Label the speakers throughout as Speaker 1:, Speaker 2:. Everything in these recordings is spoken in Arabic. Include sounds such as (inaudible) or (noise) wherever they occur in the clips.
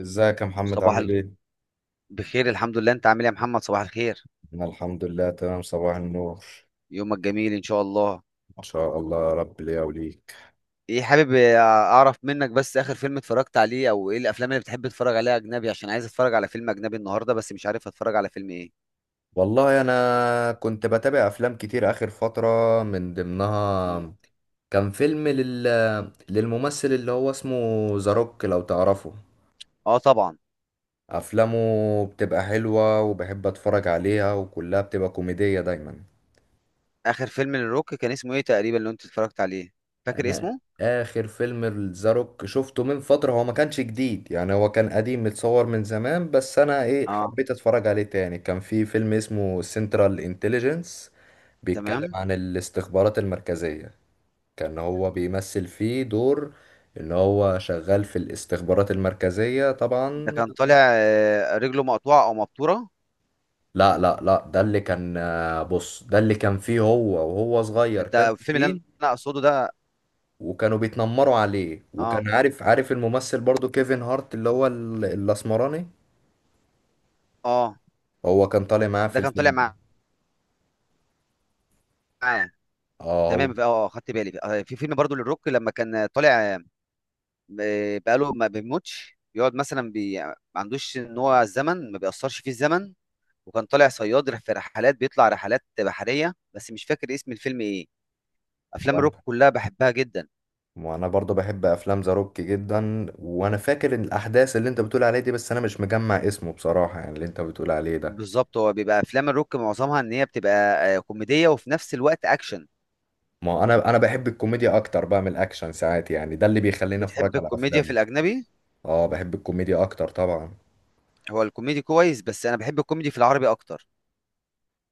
Speaker 1: ازيك يا محمد
Speaker 2: صباح
Speaker 1: عامل
Speaker 2: ال...
Speaker 1: ايه؟
Speaker 2: بخير الحمد لله. انت عامل ايه يا محمد؟ صباح الخير،
Speaker 1: انا الحمد لله تمام، صباح النور.
Speaker 2: يومك جميل ان شاء الله.
Speaker 1: ما شاء الله، يا رب ليا وليك.
Speaker 2: ايه، حابب اعرف منك بس اخر فيلم اتفرجت عليه، او ايه الافلام اللي بتحب تتفرج عليها اجنبي؟ عشان عايز اتفرج على فيلم اجنبي النهارده بس مش عارف اتفرج على فيلم ايه.
Speaker 1: والله انا كنت بتابع افلام كتير اخر فترة، من
Speaker 2: مم.
Speaker 1: ضمنها كان فيلم للممثل اللي هو اسمه ذا روك، لو تعرفه.
Speaker 2: اه طبعا.
Speaker 1: افلامه بتبقى حلوة وبحب اتفرج عليها، وكلها بتبقى كوميدية دايما.
Speaker 2: اخر فيلم للروك كان اسمه ايه تقريبا اللي انت اتفرجت عليه؟ فاكر
Speaker 1: انا
Speaker 2: اسمه؟
Speaker 1: اخر فيلم الزاروك شفته من فترة، هو ما كانش جديد يعني، هو كان قديم متصور من زمان، بس انا
Speaker 2: اه،
Speaker 1: حبيت اتفرج عليه تاني. كان في فيلم اسمه سنترال انتليجنس، بيتكلم
Speaker 2: تمام.
Speaker 1: عن الاستخبارات المركزية. كان هو بيمثل فيه دور ان هو شغال في الاستخبارات المركزية
Speaker 2: ده
Speaker 1: طبعا.
Speaker 2: كان طالع رجله مقطوعه او مبتوره.
Speaker 1: لا لا لا، ده اللي كان بص، ده اللي كان فيه هو وهو صغير
Speaker 2: انت
Speaker 1: كان
Speaker 2: الفيلم اللي انا
Speaker 1: تخين،
Speaker 2: أنا اقصده ده.
Speaker 1: وكانوا بيتنمروا عليه،
Speaker 2: اه،
Speaker 1: وكان عارف عارف الممثل برضو كيفن هارت اللي هو الاسمراني.
Speaker 2: اه.
Speaker 1: هو كان طالع معاه في
Speaker 2: ده كان طالع
Speaker 1: الفيلم ده.
Speaker 2: معاه.
Speaker 1: اه هو.
Speaker 2: تمام، اه خدت بالي. في فيلم برضو للروك لما كان طالع، بقاله ما بيموتش، بيقعد مثلا ما عندوش، ان هو الزمن ما بيأثرش فيه الزمن، وكان طالع صياد في رحلات، بيطلع رحلات بحرية، بس مش فاكر اسم الفيلم ايه. افلام الروك
Speaker 1: وانا
Speaker 2: كلها بحبها جدا.
Speaker 1: وانا برضو بحب افلام ذا روك جدا، وانا فاكر إن الاحداث اللي انت بتقول عليه دي، بس انا مش مجمع اسمه بصراحة، يعني اللي انت بتقول عليه ده.
Speaker 2: بالظبط، هو بيبقى افلام الروك معظمها ان هي بتبقى كوميدية وفي نفس الوقت اكشن.
Speaker 1: ما انا بحب الكوميديا اكتر بقى من الاكشن ساعات يعني، ده اللي بيخليني اتفرج
Speaker 2: بتحب
Speaker 1: على
Speaker 2: الكوميديا في
Speaker 1: افلامه.
Speaker 2: الاجنبي؟
Speaker 1: اه، بحب الكوميديا اكتر طبعا.
Speaker 2: هو الكوميدي كويس، بس انا بحب الكوميدي في العربي اكتر.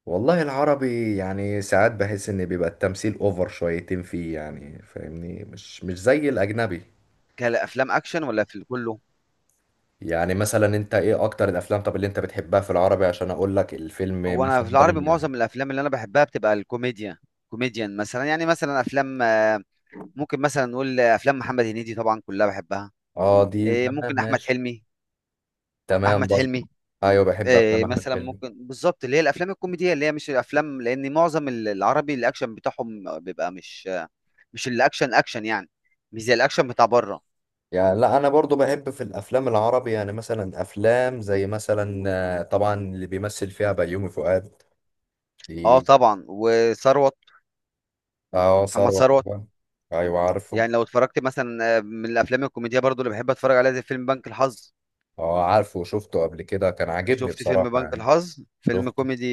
Speaker 1: والله العربي يعني ساعات بحس ان بيبقى التمثيل اوفر شويتين فيه، يعني فاهمني، مش زي الاجنبي.
Speaker 2: كافلام اكشن ولا في كله؟
Speaker 1: يعني مثلا انت ايه اكتر الافلام، طب اللي انت بتحبها في العربي، عشان اقول لك الفيلم
Speaker 2: هو انا
Speaker 1: مثلا
Speaker 2: في
Speaker 1: ده
Speaker 2: العربي
Speaker 1: من.
Speaker 2: معظم الافلام اللي انا بحبها بتبقى الكوميديا، كوميديان مثلا. يعني مثلا افلام ممكن مثلا نقول افلام محمد هنيدي، طبعا كلها بحبها.
Speaker 1: اه دي
Speaker 2: إيه،
Speaker 1: تمام
Speaker 2: ممكن احمد
Speaker 1: ماشي.
Speaker 2: حلمي.
Speaker 1: تمام
Speaker 2: احمد
Speaker 1: برضه.
Speaker 2: حلمي.
Speaker 1: ايوه بحب افلام
Speaker 2: إيه،
Speaker 1: احمد
Speaker 2: مثلا
Speaker 1: حلمي.
Speaker 2: ممكن بالظبط اللي هي الافلام الكوميديه، اللي هي مش الافلام، لان معظم العربي الاكشن بتاعهم بيبقى مش الاكشن اكشن يعني، مش زي الاكشن بتاع بره.
Speaker 1: يعني لا، انا برضو بحب في الافلام العربي، يعني مثلا افلام زي مثلا، طبعا اللي بيمثل فيها بيومي فؤاد
Speaker 2: اه
Speaker 1: دي.
Speaker 2: طبعا، وثروت.
Speaker 1: اه
Speaker 2: محمد
Speaker 1: ثروت
Speaker 2: ثروت.
Speaker 1: طبعا. ايوه عارفه.
Speaker 2: يعني لو اتفرجت مثلا من الافلام الكوميديه برضو اللي بحب اتفرج عليها، زي فيلم بنك الحظ.
Speaker 1: اه عارفه، وشفته قبل كده كان عاجبني
Speaker 2: شفت فيلم
Speaker 1: بصراحة
Speaker 2: بنك
Speaker 1: يعني.
Speaker 2: الحظ؟ فيلم
Speaker 1: شفته.
Speaker 2: كوميدي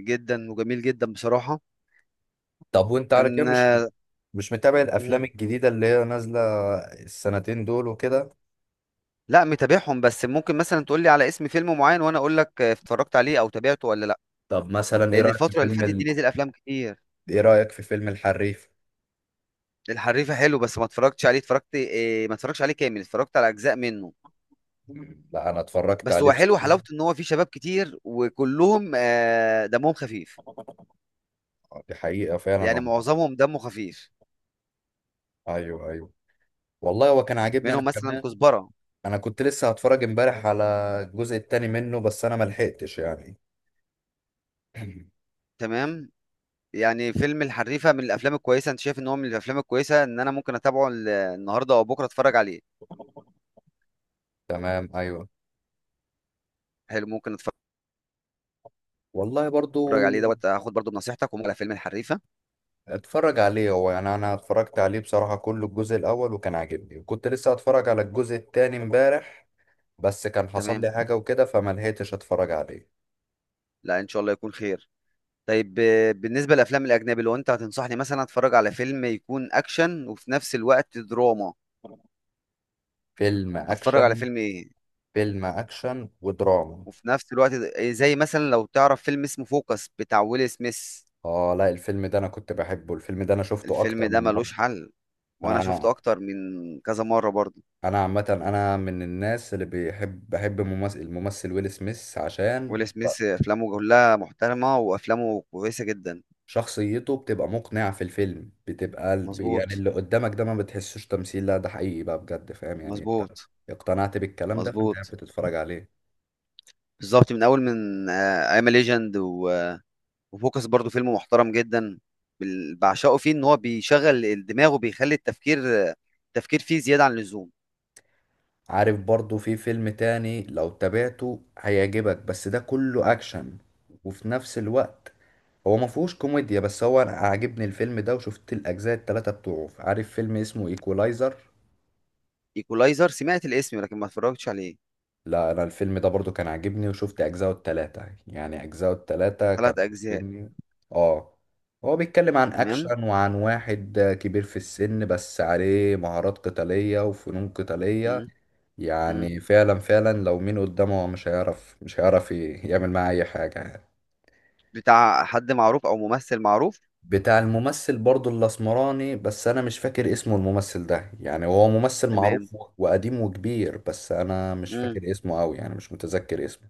Speaker 2: جدا وجميل جدا بصراحه.
Speaker 1: طب وانت على كده
Speaker 2: كان
Speaker 1: مش مش متابع الافلام الجديدة اللي هي نازلة السنتين دول وكده.
Speaker 2: لا، متابعهم، بس ممكن مثلا تقول لي على اسم فيلم معين وانا اقول لك اتفرجت عليه او تابعته ولا لا،
Speaker 1: طب مثلا ايه
Speaker 2: لان
Speaker 1: رأيك في
Speaker 2: الفتره اللي
Speaker 1: فيلم
Speaker 2: فاتت دي نزل افلام كتير.
Speaker 1: ايه رأيك في فيلم الحريف؟
Speaker 2: الحريفه حلو بس ما اتفرجتش عليه. اتفرجت، إيه، ما اتفرجتش عليه كامل، اتفرجت على اجزاء منه.
Speaker 1: لا انا اتفرجت
Speaker 2: بس
Speaker 1: عليه
Speaker 2: هو حلو،
Speaker 1: بصراحة.
Speaker 2: حلاوته ان هو فيه شباب كتير وكلهم دمهم خفيف.
Speaker 1: دي حقيقة فعلا
Speaker 2: يعني
Speaker 1: والله.
Speaker 2: معظمهم دمه خفيف،
Speaker 1: ايوه ايوه. والله هو كان عاجبني انا
Speaker 2: منهم مثلا
Speaker 1: كمان.
Speaker 2: كزبره.
Speaker 1: انا كنت لسه هتفرج امبارح على الجزء التاني منه، بس انا ملحقتش يعني. (clears throat)
Speaker 2: تمام. يعني فيلم الحريفه من الافلام الكويسه؟ انت شايف ان هو من الافلام الكويسه ان انا ممكن اتابعه النهارده او بكره اتفرج عليه؟
Speaker 1: تمام ايوه.
Speaker 2: حلو، ممكن اتفرج
Speaker 1: والله برضو
Speaker 2: عليه دوت. هاخد برضو بنصيحتك، وممكن على فيلم الحريفه.
Speaker 1: اتفرج عليه، هو يعني انا اتفرجت عليه بصراحة كله الجزء الاول وكان عاجبني، وكنت لسه اتفرج على الجزء التاني امبارح، بس كان حصل
Speaker 2: تمام.
Speaker 1: لي حاجة وكده فما لحقتش اتفرج عليه.
Speaker 2: لا ان شاء الله يكون خير. طيب، بالنسبه للافلام الاجنبي، لو انت هتنصحني مثلا، اتفرج على فيلم يكون اكشن وفي نفس الوقت دراما،
Speaker 1: فيلم
Speaker 2: اتفرج على
Speaker 1: اكشن.
Speaker 2: فيلم ايه؟
Speaker 1: فيلم اكشن ودراما.
Speaker 2: وفي نفس الوقت إيه، زي مثلا، لو تعرف فيلم اسمه فوكس بتاع ويل سميث.
Speaker 1: اه لا، الفيلم ده انا كنت بحبه، الفيلم ده انا شفته
Speaker 2: الفيلم
Speaker 1: اكتر
Speaker 2: ده
Speaker 1: من مرة.
Speaker 2: ملوش حل، وانا شفته
Speaker 1: انا
Speaker 2: اكتر من كذا مره برضه.
Speaker 1: انا عامة انا من الناس اللي بيحب، بحب ممثل الممثل ويل سميث، عشان
Speaker 2: ويل سميث افلامه كلها محترمه، وافلامه كويسه جدا.
Speaker 1: شخصيته بتبقى مقنعة في الفيلم، بتبقى يعني
Speaker 2: مظبوط،
Speaker 1: اللي قدامك ده ما بتحسوش تمثيل، لا ده حقيقي بقى بجد، فاهم يعني انت،
Speaker 2: مظبوط،
Speaker 1: اقتنعت بالكلام ده فانت قاعد
Speaker 2: مظبوط.
Speaker 1: بتتفرج عليه.
Speaker 2: بالظبط، من اول، من ايام ليجند. وفوكس برضو فيلم محترم جدا، بعشقه، فيه ان هو بيشغل الدماغ، وبيخلي التفكير فيه زيادة عن اللزوم.
Speaker 1: عارف برضو في فيلم تاني لو تابعته هيعجبك، بس ده كله اكشن وفي نفس الوقت. هو ما فيهوش كوميديا، بس هو انا عاجبني الفيلم ده، وشفت الاجزاء التلاتة بتوعه. عارف فيلم اسمه ايكولايزر؟
Speaker 2: ايكولايزر سمعت الاسم لكن ما اتفرجتش عليه.
Speaker 1: لا انا الفيلم ده برضو كان عاجبني، وشفت اجزاءه التلاتة، يعني اجزاءه التلاتة
Speaker 2: ثلاث
Speaker 1: كانوا
Speaker 2: اجزاء؟
Speaker 1: عاجبني. اه هو بيتكلم عن
Speaker 2: تمام.
Speaker 1: اكشن، وعن واحد كبير في السن بس عليه مهارات قتالية وفنون قتالية.
Speaker 2: مم. مم.
Speaker 1: يعني فعلا فعلا لو مين قدامه مش هيعرف، مش هيعرف يعمل معاه اي حاجة يعني.
Speaker 2: بتاع حد معروف، او ممثل معروف؟
Speaker 1: بتاع الممثل برضو الاسمراني، بس انا مش فاكر اسمه الممثل ده، يعني هو ممثل
Speaker 2: تمام.
Speaker 1: معروف وقديم وكبير، بس انا مش
Speaker 2: مم.
Speaker 1: فاكر اسمه قوي يعني، مش متذكر اسمه.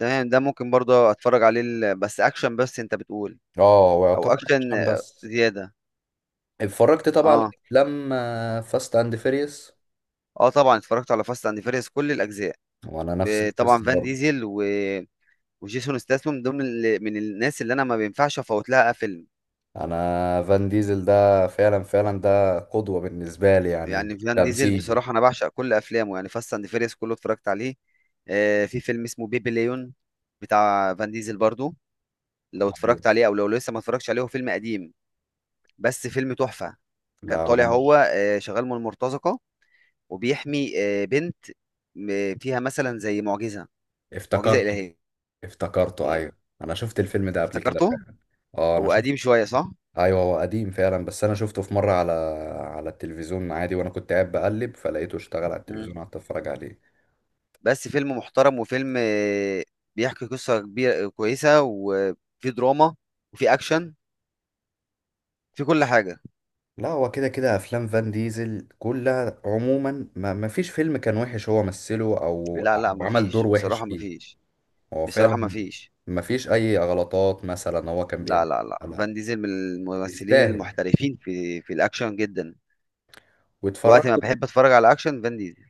Speaker 2: تمام، ده ممكن برضه اتفرج عليه. بس اكشن؟ بس انت بتقول،
Speaker 1: اه هو
Speaker 2: او
Speaker 1: يعتبر
Speaker 2: اكشن
Speaker 1: عشان بس.
Speaker 2: زيادة؟
Speaker 1: اتفرجت طبعا على
Speaker 2: اه.
Speaker 1: افلام فاست اند فيريوس.
Speaker 2: اه طبعا، اتفرجت على فاست اند فيريوس كل الاجزاء.
Speaker 1: وانا نفس
Speaker 2: طبعا
Speaker 1: القصه
Speaker 2: فان
Speaker 1: برضه.
Speaker 2: ديزل و وجيسون ستاثام من ضمن من الناس اللي انا ما بينفعش افوت لها فيلم.
Speaker 1: انا فان ديزل ده فعلا فعلا ده قدوه بالنسبه لي، يعني
Speaker 2: يعني فان ديزل
Speaker 1: تمثيل.
Speaker 2: بصراحه انا بعشق كل افلامه، يعني فاست اند فيريس كله اتفرجت عليه. في فيلم اسمه بيبي ليون بتاع فان ديزل برضو، لو
Speaker 1: ايوه.
Speaker 2: اتفرجت عليه او لو لسه ما اتفرجتش عليه. هو فيلم قديم بس فيلم تحفه. كان
Speaker 1: لا انا
Speaker 2: طالع هو
Speaker 1: مش.
Speaker 2: شغال من المرتزقه، وبيحمي بنت فيها مثلا زي معجزه، معجزه
Speaker 1: افتكرته.
Speaker 2: الهيه.
Speaker 1: افتكرته، ايوه انا شفت الفيلم ده قبل كده
Speaker 2: افتكرته.
Speaker 1: فعلا. اه انا
Speaker 2: هو
Speaker 1: شفت.
Speaker 2: قديم شويه، صح؟
Speaker 1: ايوه هو قديم فعلا، بس انا شفته في مره على التلفزيون عادي، وانا كنت قاعد بقلب فلقيته اشتغل على
Speaker 2: مم.
Speaker 1: التلفزيون قعدت اتفرج عليه.
Speaker 2: بس فيلم محترم، وفيلم بيحكي قصة كبيرة كويسة، وفي دراما، وفي أكشن، في كل حاجة.
Speaker 1: لا هو كده كده افلام فان ديزل كلها عموما، ما فيش فيلم كان وحش هو مثله او
Speaker 2: لا لا،
Speaker 1: أو عمل دور
Speaker 2: مفيش
Speaker 1: وحش
Speaker 2: بصراحة،
Speaker 1: فيه.
Speaker 2: مفيش.
Speaker 1: هو
Speaker 2: بصراحة
Speaker 1: فعلا.
Speaker 2: مفيش.
Speaker 1: ما فيش اي غلطات مثلا هو كان
Speaker 2: لا
Speaker 1: بيعمل
Speaker 2: لا لا،
Speaker 1: لا.
Speaker 2: فان ديزل من الممثلين
Speaker 1: يستاهل.
Speaker 2: المحترفين في الأكشن جدا. وقت ما
Speaker 1: واتفرجت.
Speaker 2: بحب أتفرج على أكشن، فان ديزل.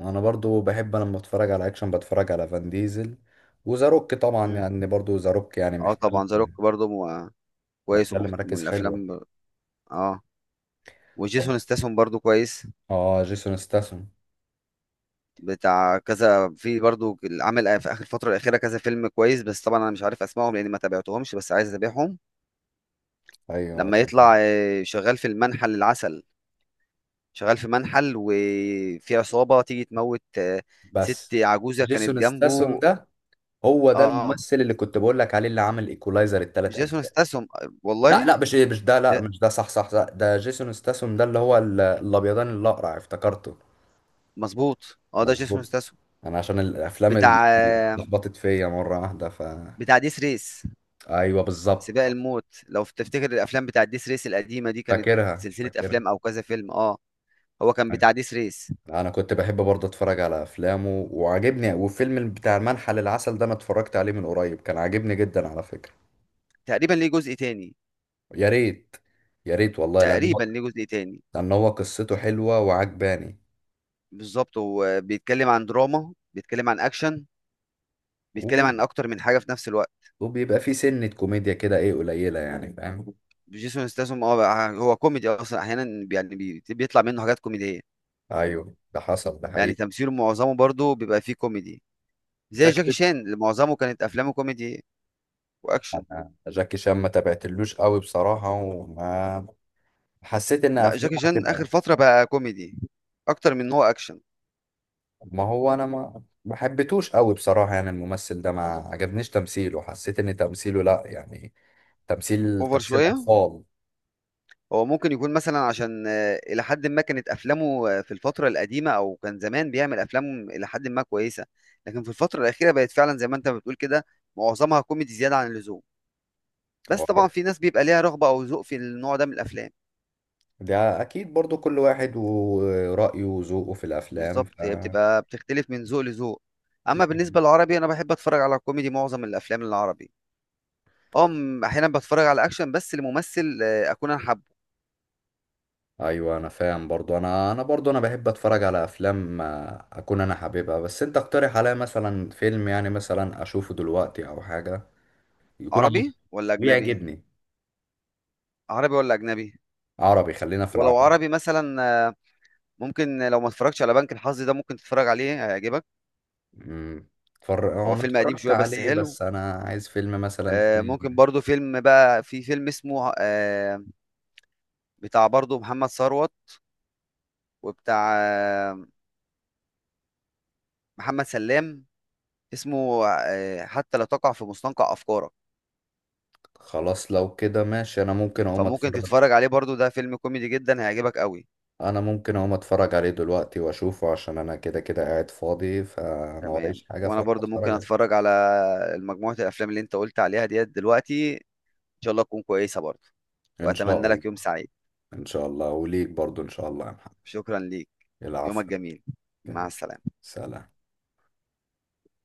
Speaker 1: انا برضو بحب لما اتفرج على اكشن بتفرج على فان ديزل، وزاروك طبعا
Speaker 2: مم.
Speaker 1: يعني، برضو زاروك يعني
Speaker 2: اه طبعا،
Speaker 1: محتل
Speaker 2: ذا روك برضه كويس
Speaker 1: محتل
Speaker 2: من
Speaker 1: مراكز حلوة.
Speaker 2: الأفلام، اه.
Speaker 1: طبعا.
Speaker 2: وجيسون ستاثام برضه كويس،
Speaker 1: اه جيسون ستاثام.
Speaker 2: بتاع كذا. في برضو، عامل في اخر الفتره الاخيره كذا فيلم كويس، بس طبعا انا مش عارف اسمائهم لاني ما تابعتهمش، بس عايز اتابعهم.
Speaker 1: ايوه
Speaker 2: لما
Speaker 1: تمام،
Speaker 2: يطلع شغال في المنحل العسل، شغال في منحل، وفي عصابه تيجي تموت، ست
Speaker 1: بس
Speaker 2: عجوزه كانت
Speaker 1: جيسون ستاثام
Speaker 2: جنبه.
Speaker 1: ده هو ده
Speaker 2: اه،
Speaker 1: الممثل اللي كنت بقول لك عليه، اللي عمل ايكولايزر الثلاث
Speaker 2: جيسون
Speaker 1: اجزاء.
Speaker 2: ستاسون،
Speaker 1: لا
Speaker 2: والله.
Speaker 1: لا، مش ده، لا
Speaker 2: لا،
Speaker 1: مش ده، صح صح صح، ده جيسون ستاثام ده اللي هو الابيضان الاقرع افتكرته.
Speaker 2: مظبوط، اه، ده جيسون
Speaker 1: مظبوط.
Speaker 2: ستاسون،
Speaker 1: انا عشان الافلام اللي
Speaker 2: بتاع
Speaker 1: اللي
Speaker 2: آه،
Speaker 1: لخبطت فيا مره واحده ف.
Speaker 2: بتاع ديس ريس.
Speaker 1: ايوه
Speaker 2: سباق
Speaker 1: بالظبط.
Speaker 2: الموت، لو تفتكر الافلام بتاع ديس ريس القديمه دي، كانت
Speaker 1: فاكرها
Speaker 2: سلسله
Speaker 1: فاكرها.
Speaker 2: افلام او كذا فيلم، اه. هو كان
Speaker 1: أيوة.
Speaker 2: بتاع ديس ريس.
Speaker 1: انا كنت بحب برضه اتفرج على افلامه وعاجبني، وفيلم بتاع المنحى للعسل ده انا اتفرجت عليه من قريب كان عاجبني جدا على فكره.
Speaker 2: تقريبا ليه جزء تاني؟
Speaker 1: يا ريت. يا ريت والله، لان هو.
Speaker 2: تقريبا ليه جزء تاني.
Speaker 1: لان هو قصته حلوه وعجباني.
Speaker 2: بالظبط، هو بيتكلم عن دراما، بيتكلم عن اكشن، بيتكلم عن اكتر من حاجه في نفس الوقت.
Speaker 1: وبيبقى في سنة كوميديا كده قليلة يعني، فاهم.
Speaker 2: جيسون ستاثام، هو كوميدي اصلا احيانا، يعني بيطلع منه حاجات كوميديه.
Speaker 1: ايوه ده حصل، ده
Speaker 2: يعني
Speaker 1: حقيقي.
Speaker 2: تمثيله معظمه برضه بيبقى فيه كوميدي، زي جاكي
Speaker 1: فكرة.
Speaker 2: شان اللي معظمه كانت افلامه كوميدي واكشن.
Speaker 1: انا جاكي شان ما تابعتلوش قوي بصراحة، وما حسيت ان
Speaker 2: لا، جاكي
Speaker 1: افلامه
Speaker 2: شان اخر
Speaker 1: هتبقى.
Speaker 2: فتره بقى كوميدي اكتر من إن هو اكشن،
Speaker 1: ما هو انا ما حبيتوش قوي بصراحة، يعني الممثل ده ما عجبنيش تمثيله، حسيت ان تمثيله لا يعني، تمثيل
Speaker 2: اوفر
Speaker 1: تمثيل
Speaker 2: شويه.
Speaker 1: اطفال.
Speaker 2: هو ممكن يكون مثلا، عشان إلى حد ما كانت أفلامه في الفترة القديمة، أو كان زمان بيعمل أفلام إلى حد ما كويسة، لكن في الفترة الأخيرة بقت فعلا زي ما أنت بتقول كده، معظمها كوميدي زيادة عن اللزوم. بس
Speaker 1: هو
Speaker 2: طبعا
Speaker 1: ده،
Speaker 2: في ناس بيبقى ليها رغبة أو ذوق في النوع ده من الأفلام.
Speaker 1: ده اكيد برضو كل واحد ورأيه وذوقه في الافلام
Speaker 2: بالظبط،
Speaker 1: ف.
Speaker 2: هي بتبقى بتختلف من ذوق لذوق. أما بالنسبة للعربي، أنا بحب أتفرج على كوميدي معظم الأفلام العربي. أه، أحيانا بتفرج على أكشن بس لممثل أكون أنا حابه.
Speaker 1: ايوه انا فاهم برضو، انا برضو انا بحب اتفرج على افلام، اكون انا حاببها، بس انت اقترح عليا مثلا فيلم، يعني مثلا اشوفه دلوقتي او حاجه يكون عربي
Speaker 2: عربي ولا أجنبي؟
Speaker 1: ويعجبني.
Speaker 2: عربي ولا أجنبي؟
Speaker 1: عربي خلينا في
Speaker 2: ولو
Speaker 1: العربي.
Speaker 2: عربي مثلا، ممكن، لو ما اتفرجتش على بنك الحظ ده، ممكن تتفرج عليه هيعجبك.
Speaker 1: امم اتفرج، هو
Speaker 2: هو
Speaker 1: انا
Speaker 2: فيلم قديم
Speaker 1: اتفرجت
Speaker 2: شويه بس
Speaker 1: عليه،
Speaker 2: حلو.
Speaker 1: بس انا عايز فيلم مثلا
Speaker 2: ممكن
Speaker 1: تاني.
Speaker 2: برضو فيلم، بقى في فيلم اسمه بتاع برضو محمد ثروت، وبتاع محمد سلام، اسمه حتى لا تقع في مستنقع افكارك.
Speaker 1: خلاص لو كده ماشي، انا ممكن اقوم
Speaker 2: فممكن
Speaker 1: اتفرج.
Speaker 2: تتفرج عليه برضو، ده فيلم كوميدي جدا هيعجبك قوي.
Speaker 1: انا ممكن اقوم اتفرج عليه دلوقتي واشوفه، عشان انا كده كده قاعد فاضي فما
Speaker 2: تمام،
Speaker 1: ورايش حاجه
Speaker 2: وانا برضو ممكن
Speaker 1: فاتفرج عليه.
Speaker 2: اتفرج على مجموعه الافلام اللي انت قلت عليها ديت دلوقتي، ان شاء الله تكون كويسه برضو.
Speaker 1: ان شاء
Speaker 2: واتمنى
Speaker 1: الله.
Speaker 2: لك يوم سعيد.
Speaker 1: ان شاء الله وليك برضو، ان شاء الله يا محمد.
Speaker 2: شكرا ليك. يومك
Speaker 1: العفو.
Speaker 2: جميل، مع
Speaker 1: تمام.
Speaker 2: السلامه.
Speaker 1: سلام.